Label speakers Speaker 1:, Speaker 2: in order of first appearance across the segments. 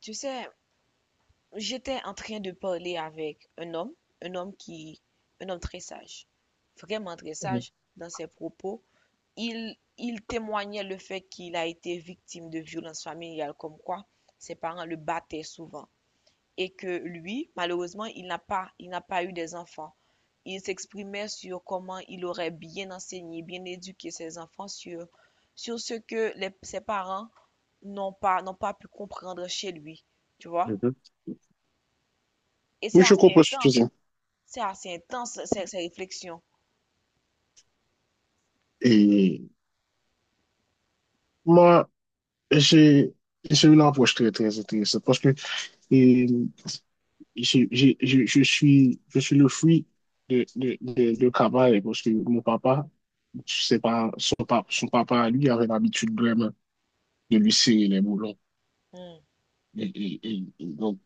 Speaker 1: Tu sais, j'étais en train de parler avec un homme, un homme qui, un homme très sage, vraiment très
Speaker 2: Mhm.
Speaker 1: sage dans ses propos. Il témoignait le fait qu'il a été victime de violences familiales, comme quoi ses parents le battaient souvent. Et que lui, malheureusement, il n'a pas eu des enfants. Il s'exprimait sur comment il aurait bien enseigné, bien éduqué ses enfants sur ce que ses parents n'ont pas pu comprendre chez lui, tu vois? Et
Speaker 2: Oui, je comprends ce que tu dis.
Speaker 1: c'est assez intense ces réflexions.
Speaker 2: Et moi, j'ai j'ai une approche très, très intéressante parce que et, je suis le fruit de travail parce que mon papa, c'est pas, son papa, lui, avait l'habitude vraiment de lui serrer les boulons.
Speaker 1: Hmm.
Speaker 2: Et donc,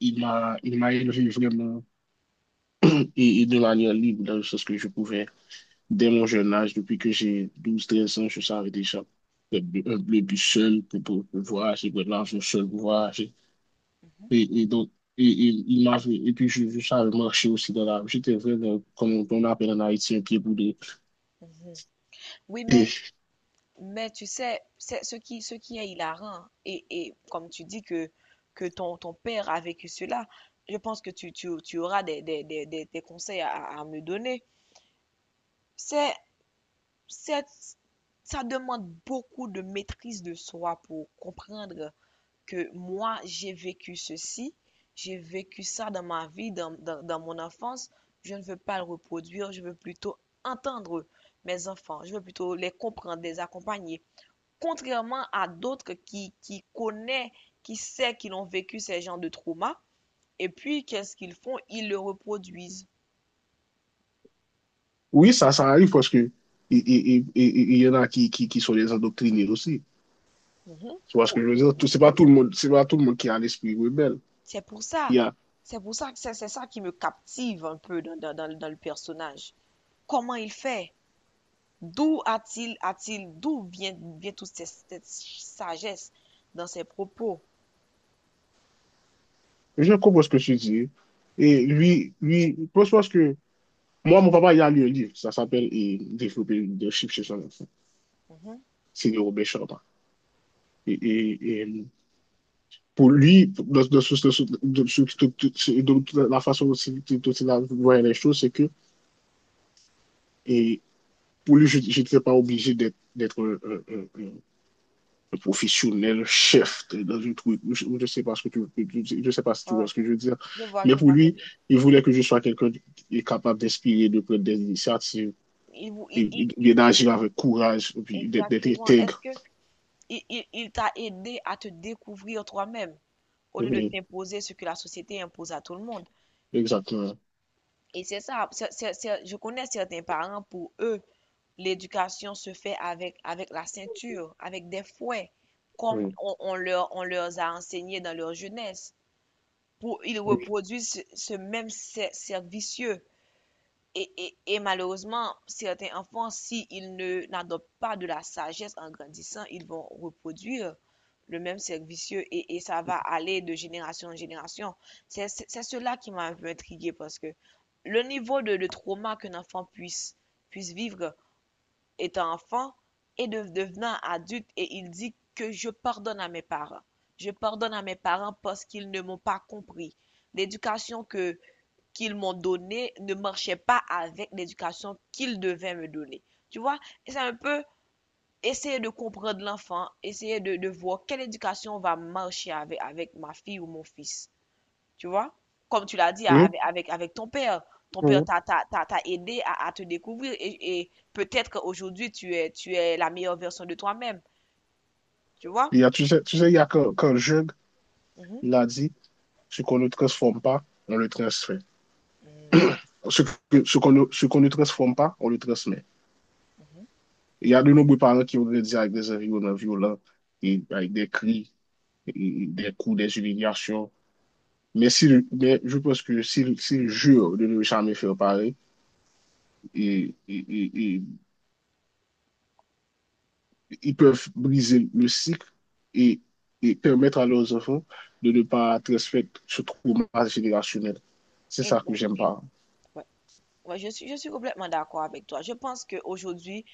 Speaker 2: il m'a élevé vraiment et de manière libre dans le sens que je pouvais. Dès mon jeune âge, depuis que j'ai 12, 13 ans, je savais déjà que un bleu bus seul pour, pour voyager, pour l'argent seul pour voyager. Et, et donc, il m'avait- et puis je savais marcher aussi dans la rue. J'étais vraiment, comme on appelle en Haïti, un pied boudé.
Speaker 1: Mhm. Oui,
Speaker 2: Et
Speaker 1: mais tu sais, c'est ce qui est hilarant, et, comme tu dis que ton père a vécu cela, je pense que tu auras des conseils à me donner. C'est, c'est, ça demande beaucoup de maîtrise de soi pour comprendre que moi, j'ai vécu ceci, j'ai vécu ça dans ma vie, dans mon enfance. Je ne veux pas le reproduire, je veux plutôt entendre mes enfants, je veux plutôt les comprendre, les accompagner. Contrairement à d'autres qui connaissent, qui sait qu'ils ont vécu ces genres de traumas, et puis qu'est-ce qu'ils font? Ils le reproduisent.
Speaker 2: oui, ça arrive parce que et il y en a qui sont des endoctrinés aussi.
Speaker 1: Mhm.
Speaker 2: Tu vois ce que
Speaker 1: Pour-
Speaker 2: je veux dire? C'est pas
Speaker 1: Mhm.
Speaker 2: tout le monde, c'est pas tout le monde qui a l'esprit rebelle.
Speaker 1: C'est pour
Speaker 2: Il
Speaker 1: ça.
Speaker 2: y a,
Speaker 1: C'est pour ça que c'est ça qui me captive un peu dans le personnage. Comment il fait? D'où vient toute cette sagesse dans ses propos?
Speaker 2: je comprends ce que tu dis. Et lui, je pense que moi, mon papa, il a lu un livre, ça s'appelle Développer le leadership chez son enfant.
Speaker 1: Mhm.
Speaker 2: C'est de Robert Sharma. Et pour lui, de la façon dont il dont il a voyait les choses, c'est que et pour lui, je n'étais pas obligé d'être un professionnel dans une troupe. Je ne sais pas ce que tu, je sais pas si
Speaker 1: Ouais,
Speaker 2: tu vois
Speaker 1: ouais.
Speaker 2: ce que je veux dire. Mais
Speaker 1: Je
Speaker 2: pour
Speaker 1: vois très
Speaker 2: lui,
Speaker 1: bien.
Speaker 2: il voulait que je sois quelqu'un qui est capable d'inspirer, de prendre des initiatives,
Speaker 1: Il vous, il-
Speaker 2: et d'agir avec courage, et puis d'être
Speaker 1: Exactement. Est-ce
Speaker 2: intègre.
Speaker 1: que il t'a aidé à te découvrir toi-même au lieu de
Speaker 2: Oui,
Speaker 1: t'imposer ce que la société impose à tout le monde?
Speaker 2: exactement.
Speaker 1: Et c'est ça. Je connais certains parents, pour eux, l'éducation se fait avec, avec la ceinture, avec des fouets, comme
Speaker 2: Oui.
Speaker 1: on leur a enseigné dans leur jeunesse. Pour, ils
Speaker 2: Oui.
Speaker 1: reproduisent ce même cercle vicieux. Et malheureusement, certains enfants, s'ils ne n'adoptent pas de la sagesse en grandissant, ils vont reproduire le même cercle vicieux et, ça va aller de génération en génération. C'est cela qui m'a un peu intrigué parce que le niveau de trauma qu'un enfant puisse, puisse vivre étant enfant et de, devenant adulte, et il dit que je pardonne à mes parents. Je pardonne à mes parents parce qu'ils ne m'ont pas compris. L'éducation que qu'ils m'ont donnée ne marchait pas avec l'éducation qu'ils devaient me donner. Tu vois, c'est un peu essayer de comprendre l'enfant, essayer de voir quelle éducation va marcher avec, avec ma fille ou mon fils. Tu vois? Comme tu l'as dit
Speaker 2: Oui,
Speaker 1: avec, avec ton père. Ton père
Speaker 2: oui.
Speaker 1: t'a aidé à te découvrir et peut-être qu'aujourd'hui, tu es la meilleure version de toi-même. Tu vois?
Speaker 2: Il y a, tu sais, il y a quand Jung
Speaker 1: Mhm.
Speaker 2: l'a dit, ce qu'on ne transforme pas, on le transmet.
Speaker 1: Mm.
Speaker 2: Ce Ce qu'on ne transforme pas, on le transmet. Il y a de nombreux parents qui ont grandi avec des environnements violents, et avec des cris, et des coups, des humiliations. Mais, si, mais je pense que s'ils si jurent de ne jamais faire pareil, et, ils peuvent briser le cycle et, et permettre à leurs enfants de ne pas transmettre ce trauma générationnel. C'est ça que j'aime
Speaker 1: Exactement.
Speaker 2: pas.
Speaker 1: Ouais. Ouais, je suis complètement d'accord avec toi. Je pense qu'aujourd'hui,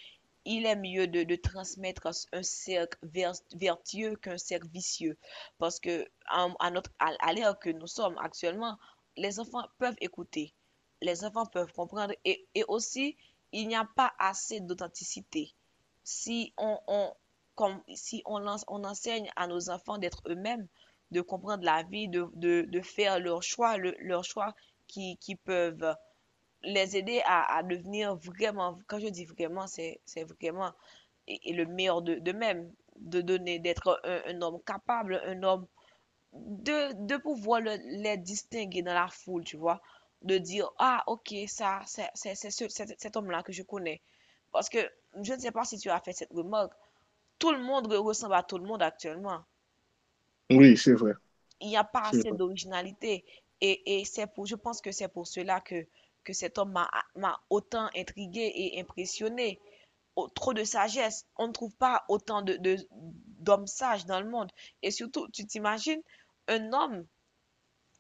Speaker 1: il est mieux de transmettre un cercle vertueux qu'un cercle vicieux. Parce que, à l'ère que nous sommes actuellement, les enfants peuvent écouter, les enfants peuvent comprendre et aussi, il n'y a pas assez d'authenticité. Si on, on, comme, si on, lance- On enseigne à nos enfants d'être eux-mêmes, de comprendre la vie, de faire leurs choix, leurs choix qui peuvent les aider à devenir vraiment, quand je dis vraiment, c'est vraiment et le meilleur d'eux-mêmes, de donner, d'être un homme capable, un homme, de pouvoir les distinguer dans la foule, tu vois, de dire, ah, ok, ça, c'est cet cet homme-là que je connais. Parce que je ne sais pas si tu as fait cette remarque, tout le monde ressemble à tout le monde actuellement.
Speaker 2: Oui, c'est vrai.
Speaker 1: Il n'y a pas
Speaker 2: C'est
Speaker 1: assez
Speaker 2: vrai.
Speaker 1: d'originalité. Je pense que c'est pour cela que cet homme m'a autant intrigué et impressionné. Trop de sagesse. On ne trouve pas autant d'hommes sages dans le monde. Et surtout, tu t'imagines un homme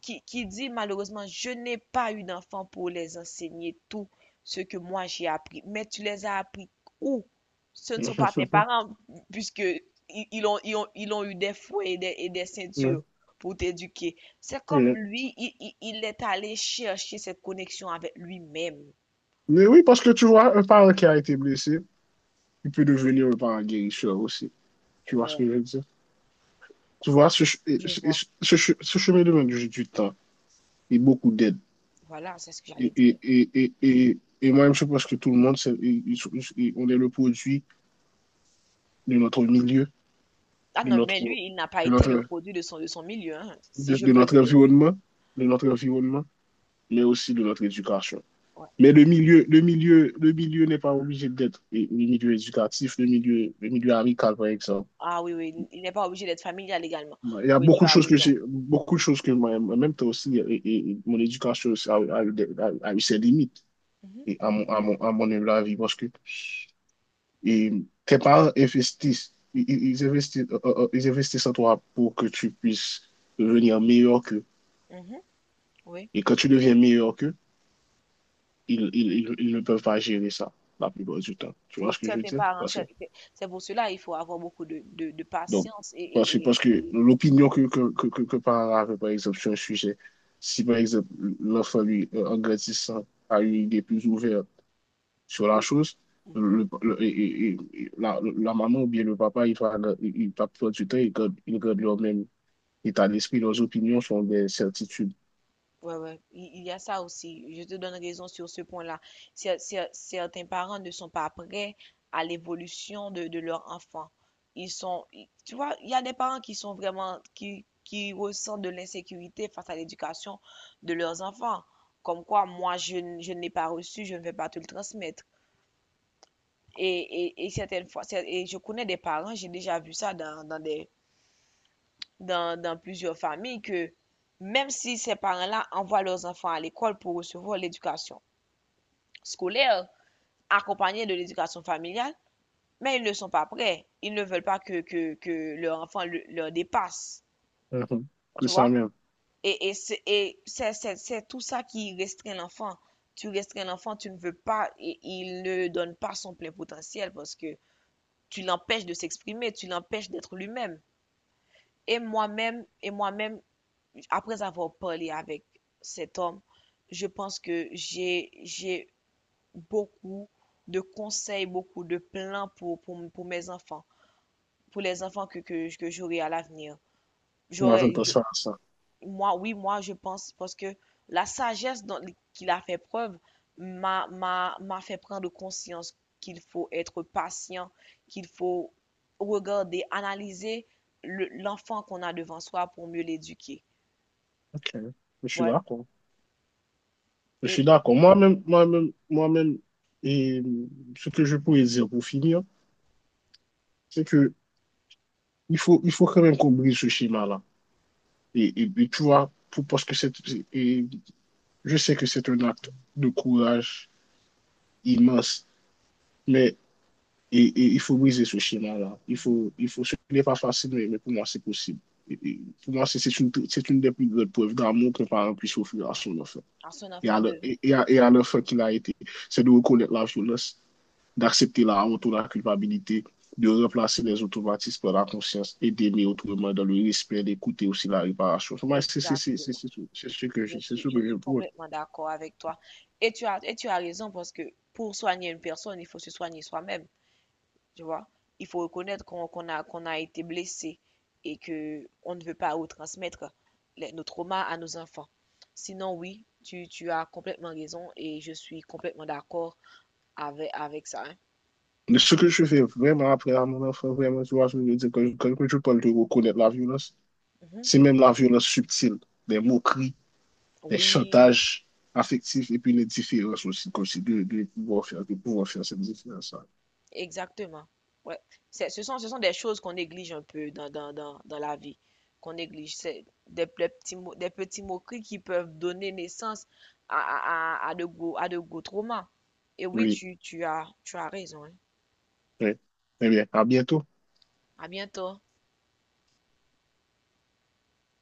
Speaker 1: qui dit malheureusement, je n'ai pas eu d'enfant pour les enseigner tout ce que moi j'ai appris. Mais tu les as appris où? Ce ne sont pas tes parents, puisque ils ont eu des fouets et des
Speaker 2: Oui.
Speaker 1: ceintures pour t'éduquer. C'est comme
Speaker 2: Oui.
Speaker 1: lui, il est allé chercher cette connexion avec lui-même.
Speaker 2: Mais oui, parce que tu vois, un parent qui a été blessé, il peut devenir un parent guérisseur aussi. Tu vois ce que
Speaker 1: Ouais,
Speaker 2: je veux dire? Tu vois,
Speaker 1: je vois.
Speaker 2: ce chemin de du temps et beaucoup d'aide.
Speaker 1: Voilà, c'est ce que
Speaker 2: Et,
Speaker 1: j'allais
Speaker 2: et,
Speaker 1: dire.
Speaker 2: et, et, et, et moi-même, je pense que tout le monde, on est le produit de notre milieu.
Speaker 1: Ah
Speaker 2: de
Speaker 1: non,
Speaker 2: notre,
Speaker 1: mais lui, il n'a pas
Speaker 2: de
Speaker 1: été le
Speaker 2: notre,
Speaker 1: produit de son milieu, hein, si je
Speaker 2: de
Speaker 1: peux le
Speaker 2: notre
Speaker 1: dire.
Speaker 2: environnement, de notre environnement, mais aussi de notre éducation.
Speaker 1: Ouais.
Speaker 2: Mais le milieu n'est pas obligé d'être et le milieu éducatif, le milieu amical, par exemple.
Speaker 1: Ah oui, oui, il n'est pas obligé d'être familial également.
Speaker 2: Il y a
Speaker 1: Oui, tu
Speaker 2: beaucoup de
Speaker 1: as
Speaker 2: choses que
Speaker 1: raison.
Speaker 2: j'ai, beaucoup de choses que moi, en même temps aussi, et mon éducation aussi a eu a eu ses limites,
Speaker 1: Mhm.
Speaker 2: et à mon, à mon humble avis, parce que et tes parents investissent, ils investissent, ils investissent en toi pour que tu puisses devenir meilleur qu'eux.
Speaker 1: Mhm. Oui.
Speaker 2: Et quand tu deviens meilleur qu'eux, ils ne peuvent pas gérer ça la plupart du temps. Tu vois
Speaker 1: Oui,
Speaker 2: ce que je veux
Speaker 1: certains
Speaker 2: dire?
Speaker 1: parents,
Speaker 2: Parce que,
Speaker 1: c'est pour cela il faut avoir beaucoup de
Speaker 2: donc,
Speaker 1: patience
Speaker 2: parce que l'opinion que parents avaient, par exemple, sur un sujet, si par exemple l'enfant, lui, en grandissant, a une idée plus ouverte sur la
Speaker 1: ou-
Speaker 2: chose,
Speaker 1: mhm.
Speaker 2: le, le- et- et- la, la maman ou bien le papa, il va prendre du temps, il garde leur même état d'esprit, leurs opinions sont des certitudes.
Speaker 1: Ouais, ouais, il y a ça aussi. Je te donne raison sur ce point-là. Certains parents ne sont pas prêts à l'évolution de leur enfant. Tu vois, il y a des parents qui sont vraiment, qui ressentent de l'insécurité face à l'éducation de leurs enfants. Comme quoi, moi, je ne l'ai pas reçu, je ne vais pas te le transmettre. Et, et certaines fois, et je connais des parents, j'ai déjà vu ça dans plusieurs familles que même si ces parents-là envoient leurs enfants à l'école pour recevoir l'éducation scolaire accompagnée de l'éducation familiale, mais ils ne sont pas prêts. Ils ne veulent pas que leur enfant leur dépasse,
Speaker 2: Mhm. C'est
Speaker 1: tu
Speaker 2: ça
Speaker 1: vois?
Speaker 2: même.
Speaker 1: C'est tout ça qui restreint l'enfant. Tu restreins l'enfant, tu ne veux pas, et il ne donne pas son plein potentiel parce que tu l'empêches de s'exprimer, tu l'empêches d'être lui-même. Et moi-même, après avoir parlé avec cet homme, je pense que j'ai beaucoup de conseils, beaucoup de plans pour mes enfants, pour les enfants que j'aurai à l'avenir.
Speaker 2: Moi, je ne
Speaker 1: J'aurais, je-
Speaker 2: pense pas à ça.
Speaker 1: Moi, oui, moi, je pense, parce que la sagesse dont, qu'il a fait preuve m'a fait prendre conscience qu'il faut être patient, qu'il faut regarder, analyser l'enfant qu'on a devant soi pour mieux l'éduquer.
Speaker 2: Ok, je suis
Speaker 1: Ouais.
Speaker 2: d'accord. Je
Speaker 1: Et,
Speaker 2: suis
Speaker 1: et-
Speaker 2: d'accord. Moi-même, et ce que je pourrais dire pour finir, c'est que il faut quand même qu'on brise ce schéma-là. Tu vois, pour, parce que c'est, et je sais que c'est un acte de courage immense, mais et il faut briser ce schéma-là.
Speaker 1: mhm.
Speaker 2: Il faut, ce n'est pas facile, mais pour moi, c'est possible. Et pour moi, c'est une des plus grandes preuves d'amour qu'un parent puisse offrir à son enfant
Speaker 1: À son
Speaker 2: et à
Speaker 1: enfant
Speaker 2: le-
Speaker 1: de...
Speaker 2: et à l'enfant qu'il a été. C'est de reconnaître la violence, d'accepter la honte ou la culpabilité, de remplacer les automatismes par la conscience et d'aimer autrement dans le respect, d'écouter aussi la réparation. C'est
Speaker 1: Exactement.
Speaker 2: ce que
Speaker 1: Je
Speaker 2: je
Speaker 1: suis
Speaker 2: pourrais.
Speaker 1: complètement d'accord avec toi. Et tu as raison parce que pour soigner une personne, il faut se soigner soi-même, tu vois. Il faut reconnaître qu'on a, qu'on a été blessé et que on ne veut pas retransmettre nos traumas à nos enfants. Sinon, oui, tu as complètement raison et je suis complètement d'accord avec, avec ça, hein.
Speaker 2: Mais ce que je fais vraiment après à mon enfant, vraiment, tu vois, je veux dire, quand je parle de reconnaître la violence,
Speaker 1: Mhm.
Speaker 2: c'est même la violence subtile, les moqueries, les
Speaker 1: Oui.
Speaker 2: chantages affectifs et puis les différences aussi, comme si de pouvoir faire, de pouvoir faire cette différence-là.
Speaker 1: Exactement. Ouais. C'est, ce sont des choses qu'on néglige un peu dans la vie, qu'on néglige. C'est des petits, des petits moqueries qui peuvent donner naissance à de gros traumas. Et oui,
Speaker 2: Oui,
Speaker 1: tu as raison, hein.
Speaker 2: oui. Eh bien, à bientôt.
Speaker 1: À bientôt.